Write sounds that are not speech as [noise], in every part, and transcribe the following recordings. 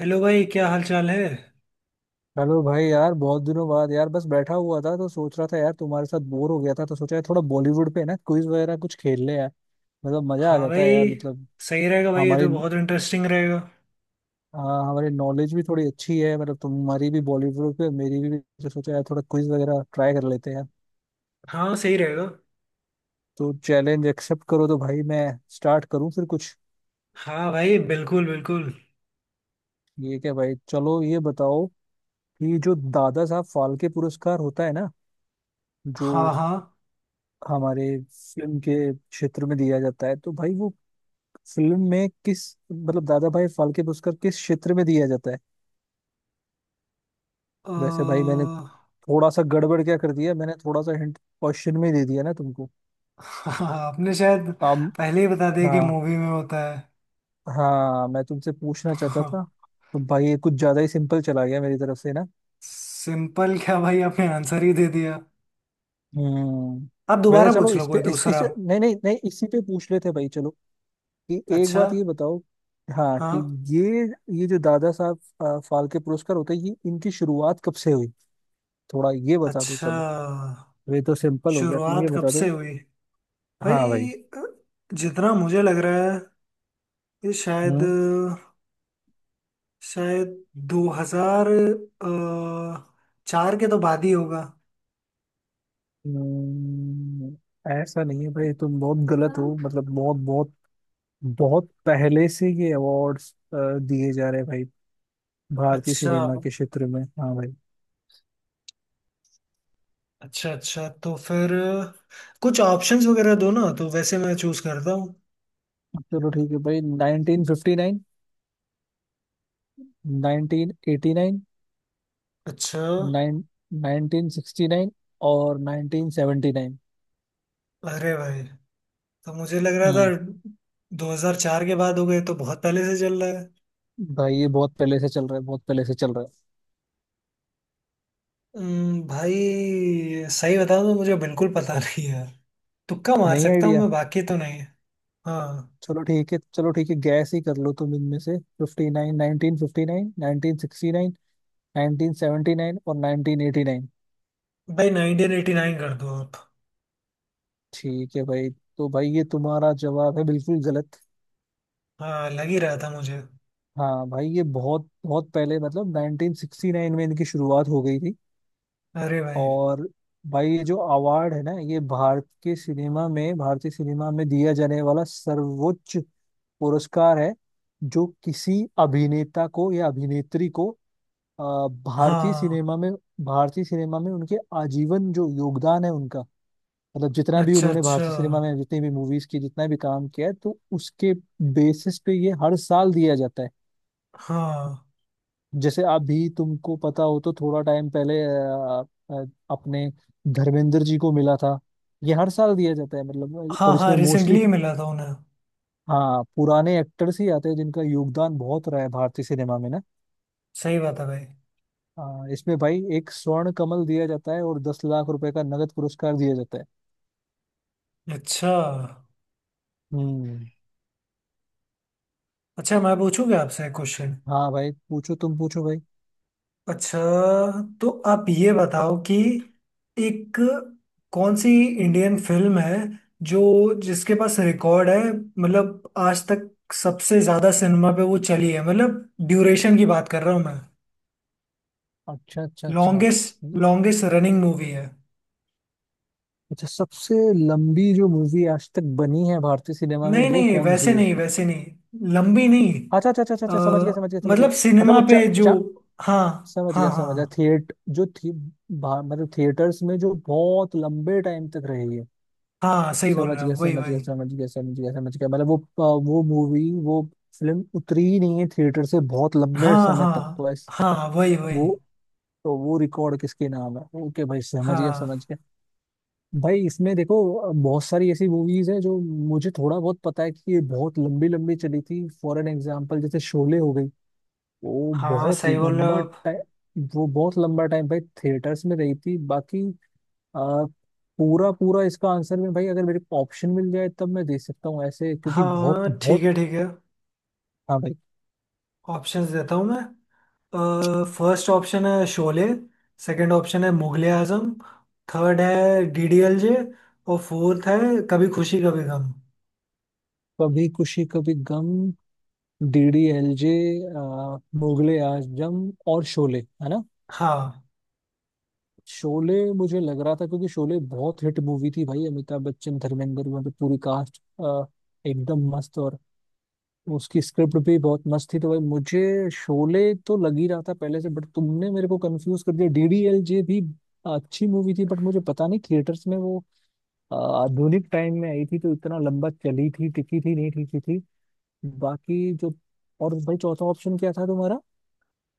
Hello भाई, क्या हाल चाल है। हेलो भाई, यार बहुत दिनों बाद। यार बस बैठा हुआ था तो सोच रहा था यार, तुम्हारे साथ बोर हो गया था तो सोचा यार थोड़ा बॉलीवुड पे ना क्विज वगैरह कुछ खेल ले यार। मतलब मजा आ हाँ जाता भाई। है यार, मतलब। सही रहेगा भाई, ये तो हमारी बहुत इंटरेस्टिंग रहेगा। हाँ, हमारी नॉलेज भी थोड़ी अच्छी है, मतलब तुम्हारी भी बॉलीवुड पे, मेरी भी। तो सोचा यार थोड़ा क्विज वगैरह ट्राई कर लेते हैं यार। हाँ सही रहेगा। तो चैलेंज एक्सेप्ट करो तो भाई, मैं स्टार्ट करूँ फिर कुछ। हाँ भाई, बिल्कुल बिल्कुल। ये क्या भाई, चलो ये बताओ कि जो दादा साहब फाल्के पुरस्कार होता है ना, जो हाँ हाँ। हमारे फिल्म के क्षेत्र में दिया जाता है, तो भाई वो फिल्म में किस मतलब दादा भाई फाल्के पुरस्कार किस क्षेत्र में दिया जाता है। अ, वैसे भाई [laughs] मैंने थोड़ा सा गड़बड़ क्या कर दिया, मैंने थोड़ा सा हिंट क्वेश्चन में ही दे दिया ना तुमको। हाँ आपने शायद अब पहले ही बता दिया कि हाँ, मूवी में होता है। हाँ, मैं तुमसे पूछना चाहता [laughs] था। तो भाई ये कुछ ज्यादा ही सिंपल चला गया मेरी तरफ से ना। सिंपल क्या भाई, आपने आंसर ही दे दिया। हम्म। आप वैसे दोबारा चलो पूछ लो इस पे कोई इस दूसरा। नहीं नहीं नहीं, इसी पे पूछ लेते हैं भाई। चलो कि एक अच्छा। बात ये बताओ, हाँ, कि हाँ। ये ये जो दादा साहब फाल्के पुरस्कार होते हैं, ये इनकी शुरुआत कब से हुई, थोड़ा ये बता दो अच्छा, चलो। ये तो सिंपल हो गया, तुम ये शुरुआत कब बता से दो। हुई। हाँ भाई। भाई अ, जितना मुझे लग रहा है ये शायद हम्म शायद 2000 अ, चार के तो बाद ही होगा। हम्म, ऐसा नहीं है भाई, तुम बहुत गलत हो, मतलब बहुत बहुत बहुत पहले से ये अवार्ड्स दिए जा रहे हैं भाई, भारतीय अच्छा। सिनेमा के क्षेत्र में। हाँ भाई। अच्छा अच्छा, तो फिर कुछ ऑप्शंस वगैरह दो ना, तो वैसे मैं चूज करता हूँ। चलो ठीक है भाई, 1959, 1989, अच्छा। नाइन 1969 और 1979। अरे भाई, तो मुझे लग रहा था हम्म 2004 के बाद हो गए, तो बहुत पहले से चल रहा है। भाई ये बहुत पहले से चल रहा है, बहुत पहले से चल रहा है। भाई सही बताऊं तो मुझे बिल्कुल पता [laughs] नहीं है। तुक्का मार नहीं, सकता हूँ आइडिया। मैं, बाकी तो नहीं। हाँ चलो ठीक है, चलो ठीक है, गैस ही कर लो तुम इनमें से, fifty nine nineteen fifty nine, nineteen sixty nine, nineteen seventy nine और नाइनटीन एटी नाइन। भाई, 1989 कर दो आप। ठीक है भाई। तो भाई ये तुम्हारा जवाब है बिल्कुल गलत। हाँ लग ही रहा था मुझे। हाँ भाई, ये बहुत बहुत पहले, मतलब नाइनटीन सिक्सटी नाइन में इनकी शुरुआत हो गई थी। अरे भाई। और भाई ये जो अवार्ड है ना, ये भारत के सिनेमा में, भारतीय सिनेमा में दिया जाने वाला सर्वोच्च पुरस्कार है, जो किसी अभिनेता को या अभिनेत्री को अ, भारतीय हाँ। सिनेमा में, भारतीय सिनेमा में उनके आजीवन जो योगदान है उनका, मतलब जितना भी अच्छा उन्होंने अच्छा। भारतीय सिनेमा में जितनी भी मूवीज की, जितना भी काम किया है, तो उसके बेसिस पे ये हर साल दिया जाता है। हाँ जैसे अभी तुमको पता हो तो थोड़ा टाइम पहले अ, अपने धर्मेंद्र जी को मिला था। ये हर साल दिया जाता है मतलब, हाँ, और हाँ इसमें मोस्टली, रिसेंटली मिला था उन्हें। हाँ, पुराने एक्टर्स ही आते हैं जिनका योगदान बहुत रहा है भारतीय सिनेमा में ना। सही बात है भाई। हाँ, इसमें भाई एक स्वर्ण कमल दिया जाता है और दस लाख रुपए का नगद पुरस्कार दिया जाता है। अच्छा, हम्म। अच्छा मैं पूछूंगा आपसे एक क्वेश्चन। हाँ भाई, पूछो, तुम पूछो भाई। अच्छा, तो आप ये बताओ कि एक कौन सी इंडियन फिल्म है जो जिसके पास रिकॉर्ड है, मतलब आज तक सबसे ज्यादा सिनेमा पे वो चली है, मतलब ड्यूरेशन की बात कर रहा हूँ मैं। अच्छा, अच्छा, अच्छा, लॉन्गेस्ट, लॉन्गेस्ट रनिंग मूवी है। अच्छा, सबसे लंबी जो मूवी आज तक बनी है भारतीय सिनेमा में, नहीं वो नहीं कौन वैसे सी है? नहीं, वैसे नहीं लंबी नहीं। अच्छा, अच्छा, अच्छा, अच्छा, अ, अच्छा, समझ गया, समझ गया, समझ गया, मतलब मतलब सिनेमा वो चा, पे जो। चा, हाँ समझ हाँ। गया, समझ गया, हाँ थिएट जो थी, मतलब थिएटर्स में जो बहुत लंबे टाइम तक रही है। हाँ सही बोल समझ रहे हो, गया, वही समझ गया, वही। समझ गया, समझ गया, समझ गया, मतलब वो मूवी, वो फिल्म उतरी ही नहीं है थिएटर से बहुत लंबे हाँ समय तक, हाँ तो ऐस, हाँ, वही वही। वो, तो वो रिकॉर्ड किसके नाम है, ओके भाई, समझ गया, हाँ समझ गया। भाई इसमें देखो बहुत सारी ऐसी मूवीज है जो मुझे थोड़ा बहुत पता है कि ये बहुत लंबी लंबी चली थी, फॉर एन एग्जाम्पल जैसे शोले हो गई, वो हाँ बहुत सही बोल रहे हो लंबा आप। टाइम, वो बहुत लंबा टाइम भाई थिएटर्स में रही थी, बाकी आ, पूरा पूरा इसका आंसर में भाई अगर मेरे को ऑप्शन मिल जाए तब मैं दे सकता हूँ ऐसे, क्योंकि हाँ बहुत ठीक बहुत। है ठीक है। हाँ भाई। ऑप्शंस देता हूँ मैं। फर्स्ट ऑप्शन है शोले। सेकंड ऑप्शन है मुगले आजम। थर्ड है डीडीएलजे। और फोर्थ है Kabhi Khushi Kabhi Gham. Kabhi Khushi Kabhi Gham, D D L J, Mughal e Azam और शोले, है ना? हाँ। शोले मुझे लग रहा था क्योंकि शोले बहुत हिट मूवी थी भाई, अमिताभ बच्चन, धर्मेंद्र, वहाँ पे पूरी कास्ट एकदम मस्त, और उसकी स्क्रिप्ट भी बहुत मस्त थी, तो भाई मुझे शोले तो लग ही रहा था पहले से, बट तुमने मेरे को कंफ्यूज कर दिया। डी डी एल जे भी अच्छी मूवी थी, बट मुझे पता नहीं थिएटर्स में वो अ, आधुनिक टाइम में आई थी तो इतना लंबा चली थी, टिकी थी, नहीं टिकी थी, बाकी जो। और भाई चौथा ऑप्शन क्या था तुम्हारा,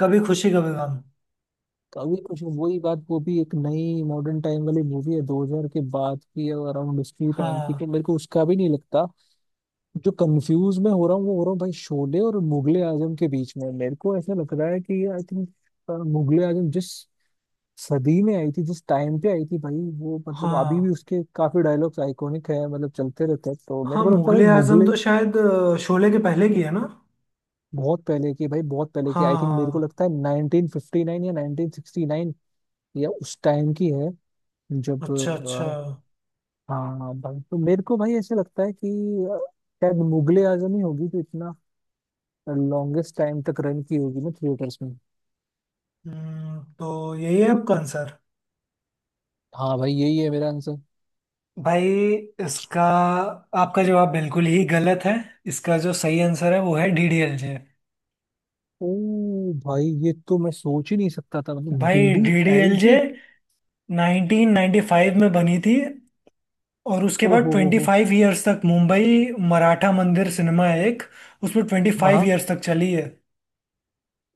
कभी खुशी कभी गम। कभी कुछ, वही बात, वो भी एक नई मॉडर्न टाइम वाली मूवी है, 2000 के बाद की, अराउंड उसकी टाइम की, तो हाँ मेरे को उसका भी नहीं लगता। जो कंफ्यूज मैं हो रहा हूँ वो हो रहा हूँ भाई, शोले और मुगले आजम के बीच में, मेरे को ऐसा लग रहा है कि आई थिंक मुगले आजम जिस सदी में आई थी, जिस टाइम पे आई थी भाई, वो, मतलब अभी भी हाँ। उसके काफी डायलॉग्स आइकॉनिक है, मतलब चलते रहते हैं, तो मेरे हाँ को लगता है मुगले भाई आजम मुगले, तो शायद शोले के पहले की है ना। बहुत पहले की भाई, बहुत पहले की। आई हाँ थिंक मेरे को हाँ। लगता है 1959 या 1969 या उस टाइम की है, जब अच्छा अच्छा। हाँ, हाँ, भाई तो मेरे को भाई ऐसे लगता है कि अ, शायद मुगले आजम ही होगी तो इतना लॉन्गेस्ट टाइम तक रन की होगी ना थिएटर्स में। हम्म, तो यही है आपका आंसर। हाँ भाई, यही है मेरा आंसर। भाई इसका आपका जवाब बिल्कुल ही गलत है। इसका जो सही आंसर है वो है डीडीएलजे। ओ भाई, ये तो मैं सोच ही नहीं सकता था, मतलब डी भाई डी एल डीडीएलजे जे। 1995 में बनी थी, और उसके ओ बाद हो हो। 25 इयर्स तक मुंबई मराठा मंदिर सिनेमा है एक, उसमें हाँ, 25 हाँ, इयर्स तक चली है।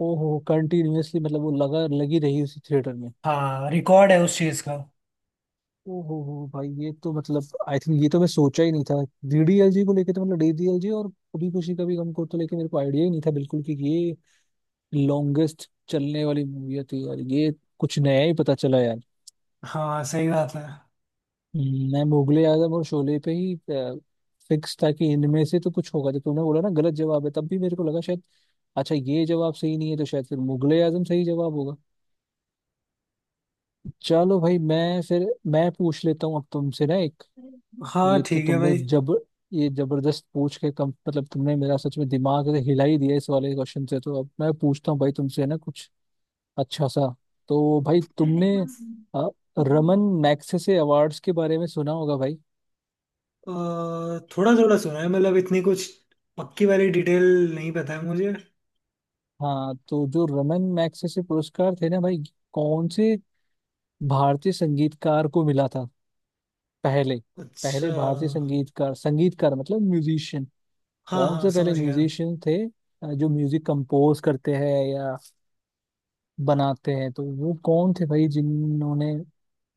ओ हो, कंटिन्यूअसली, मतलब वो लगा लगी रही उसी थिएटर में। हाँ रिकॉर्ड है उस चीज़ का। ओ हो भाई, ये तो मतलब आई थिंक, ये तो मैं सोचा ही नहीं था डीडीएलजी को लेके, तो मतलब डीडीएलजी और कभी खुशी कभी गम को तो लेके मेरे को आइडिया ही नहीं था बिल्कुल कि ये लॉन्गेस्ट चलने वाली मूवी थी यार। ये कुछ नया ही पता चला यार। हाँ सही बात है। मैं मुगले आजम और शोले पे ही फिक्स था कि इनमें से तो कुछ होगा, जब तूने बोला ना गलत जवाब है, तब भी मेरे को लगा शायद, अच्छा ये जवाब सही नहीं है, तो शायद फिर मुगले आजम सही जवाब होगा। चलो भाई, मैं फिर मैं पूछ लेता हूँ अब तुमसे ना एक, हाँ ये तो ठीक है तुमने भाई। जब, ये जबरदस्त पूछ के कम, मतलब तुमने मेरा सच में दिमाग ऐसे हिला ही दिया इस वाले क्वेश्चन से, तो अब मैं पूछता हूँ भाई तुमसे ना, कुछ अच्छा सा। तो भाई तुमने अ, रमन मैग्सेसे अवार्ड्स के बारे में सुना होगा भाई। अ, थोड़ा थोड़ा सुना है, मतलब इतनी कुछ पक्की वाली डिटेल नहीं पता है मुझे। हाँ, तो जो रमन मैग्सेसे पुरस्कार थे ना भाई, कौन से भारतीय संगीतकार को मिला था पहले? अच्छा। पहले भारतीय संगीतकार, संगीतकार मतलब म्यूजिशियन, हाँ कौन हाँ से पहले समझ गया। म्यूजिशियन थे जो म्यूजिक कंपोज करते हैं या बनाते हैं, तो वो कौन थे भाई जिन्होंने,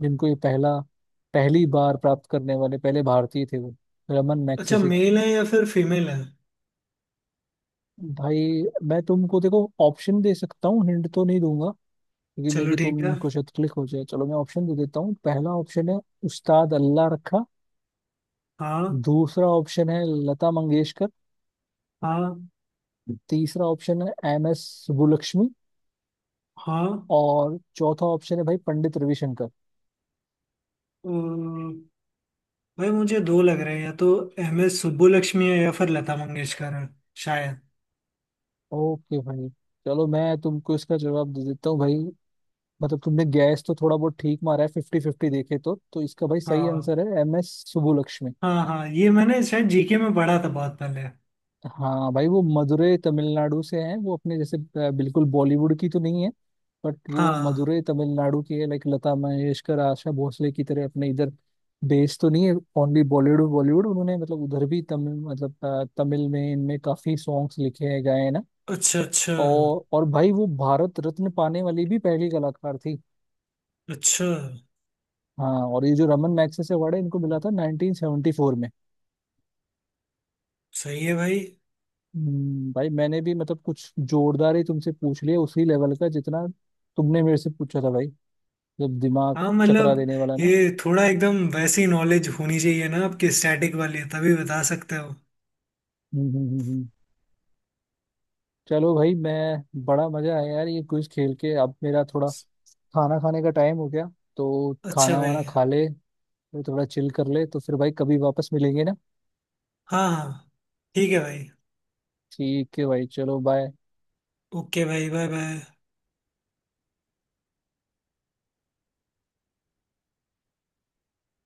जिनको ये पहला, पहली बार प्राप्त करने वाले पहले भारतीय थे, वो रमन अच्छा, मैग्सेसे। मेल है या फिर फीमेल है। भाई मैं तुमको देखो ऑप्शन दे सकता हूँ, हिंट तो नहीं दूंगा क्योंकि मे चलो भी ठीक है। तुमको शायद क्लिक हो जाए। चलो मैं ऑप्शन दे देता हूँ। पहला ऑप्शन है उस्ताद अल्लाह रखा, हाँ दूसरा ऑप्शन है लता मंगेशकर, हाँ तीसरा ऑप्शन है एम एस सुब्बुलक्ष्मी, हाँ। और चौथा ऑप्शन है भाई पंडित रविशंकर। अ, भाई मुझे दो लग रहे हैं, या तो एम एस सुब्बुलक्ष्मी है या फिर लता मंगेशकर है शायद। ओके भाई, चलो मैं तुमको इसका जवाब दे देता हूँ भाई, मतलब तुमने गैस तो थोड़ा बहुत ठीक मारा है, फिफ्टी फिफ्टी देखे तो इसका भाई सही हाँ। आंसर है एम एस सुबुलक्ष्मी। हाँ हाँ, ये मैंने शायद जीके में पढ़ा था बहुत पहले। हाँ भाई, वो मदुरै तमिलनाडु से हैं, वो अपने जैसे बिल्कुल बॉलीवुड की तो नहीं है, बट वो हाँ। मदुरै तमिलनाडु की है, लाइक लता मंगेशकर आशा भोसले की तरह अपने इधर बेस तो नहीं है, ओनली बॉलीवुड, बॉलीवुड उन्होंने, मतलब उधर भी तमिल, मतलब तमिल में इनमें काफी सॉन्ग्स लिखे हैं, गाए हैं ना। अच्छा अच्छा और भाई वो भारत रत्न पाने वाली भी पहली कलाकार थी। अच्छा। हाँ, और ये जो रमन मैग्सेसे अवार्ड है, इनको मिला था 1974 में। सही है भाई। भाई मैंने भी मतलब कुछ जोरदार ही तुमसे पूछ लिया, उसी लेवल का जितना तुमने मेरे से पूछा था भाई, जब दिमाग हाँ, चकरा मतलब देने वाला ना। ये थोड़ा एकदम वैसी नॉलेज होनी चाहिए ना आपकी, स्टैटिक वाली तभी बता सकते हो। हम्म, चलो भाई, मैं, बड़ा मजा आया यार ये क्विज खेल के। अब मेरा थोड़ा खाना खाने का टाइम हो गया, तो अच्छा खाना भाई। वाना खा ले, फिर थोड़ा चिल कर ले, तो फिर भाई कभी वापस मिलेंगे ना। हाँ हाँ ठीक है भाई। ठीक है भाई, चलो बाय। ओके भाई, बाय बाय।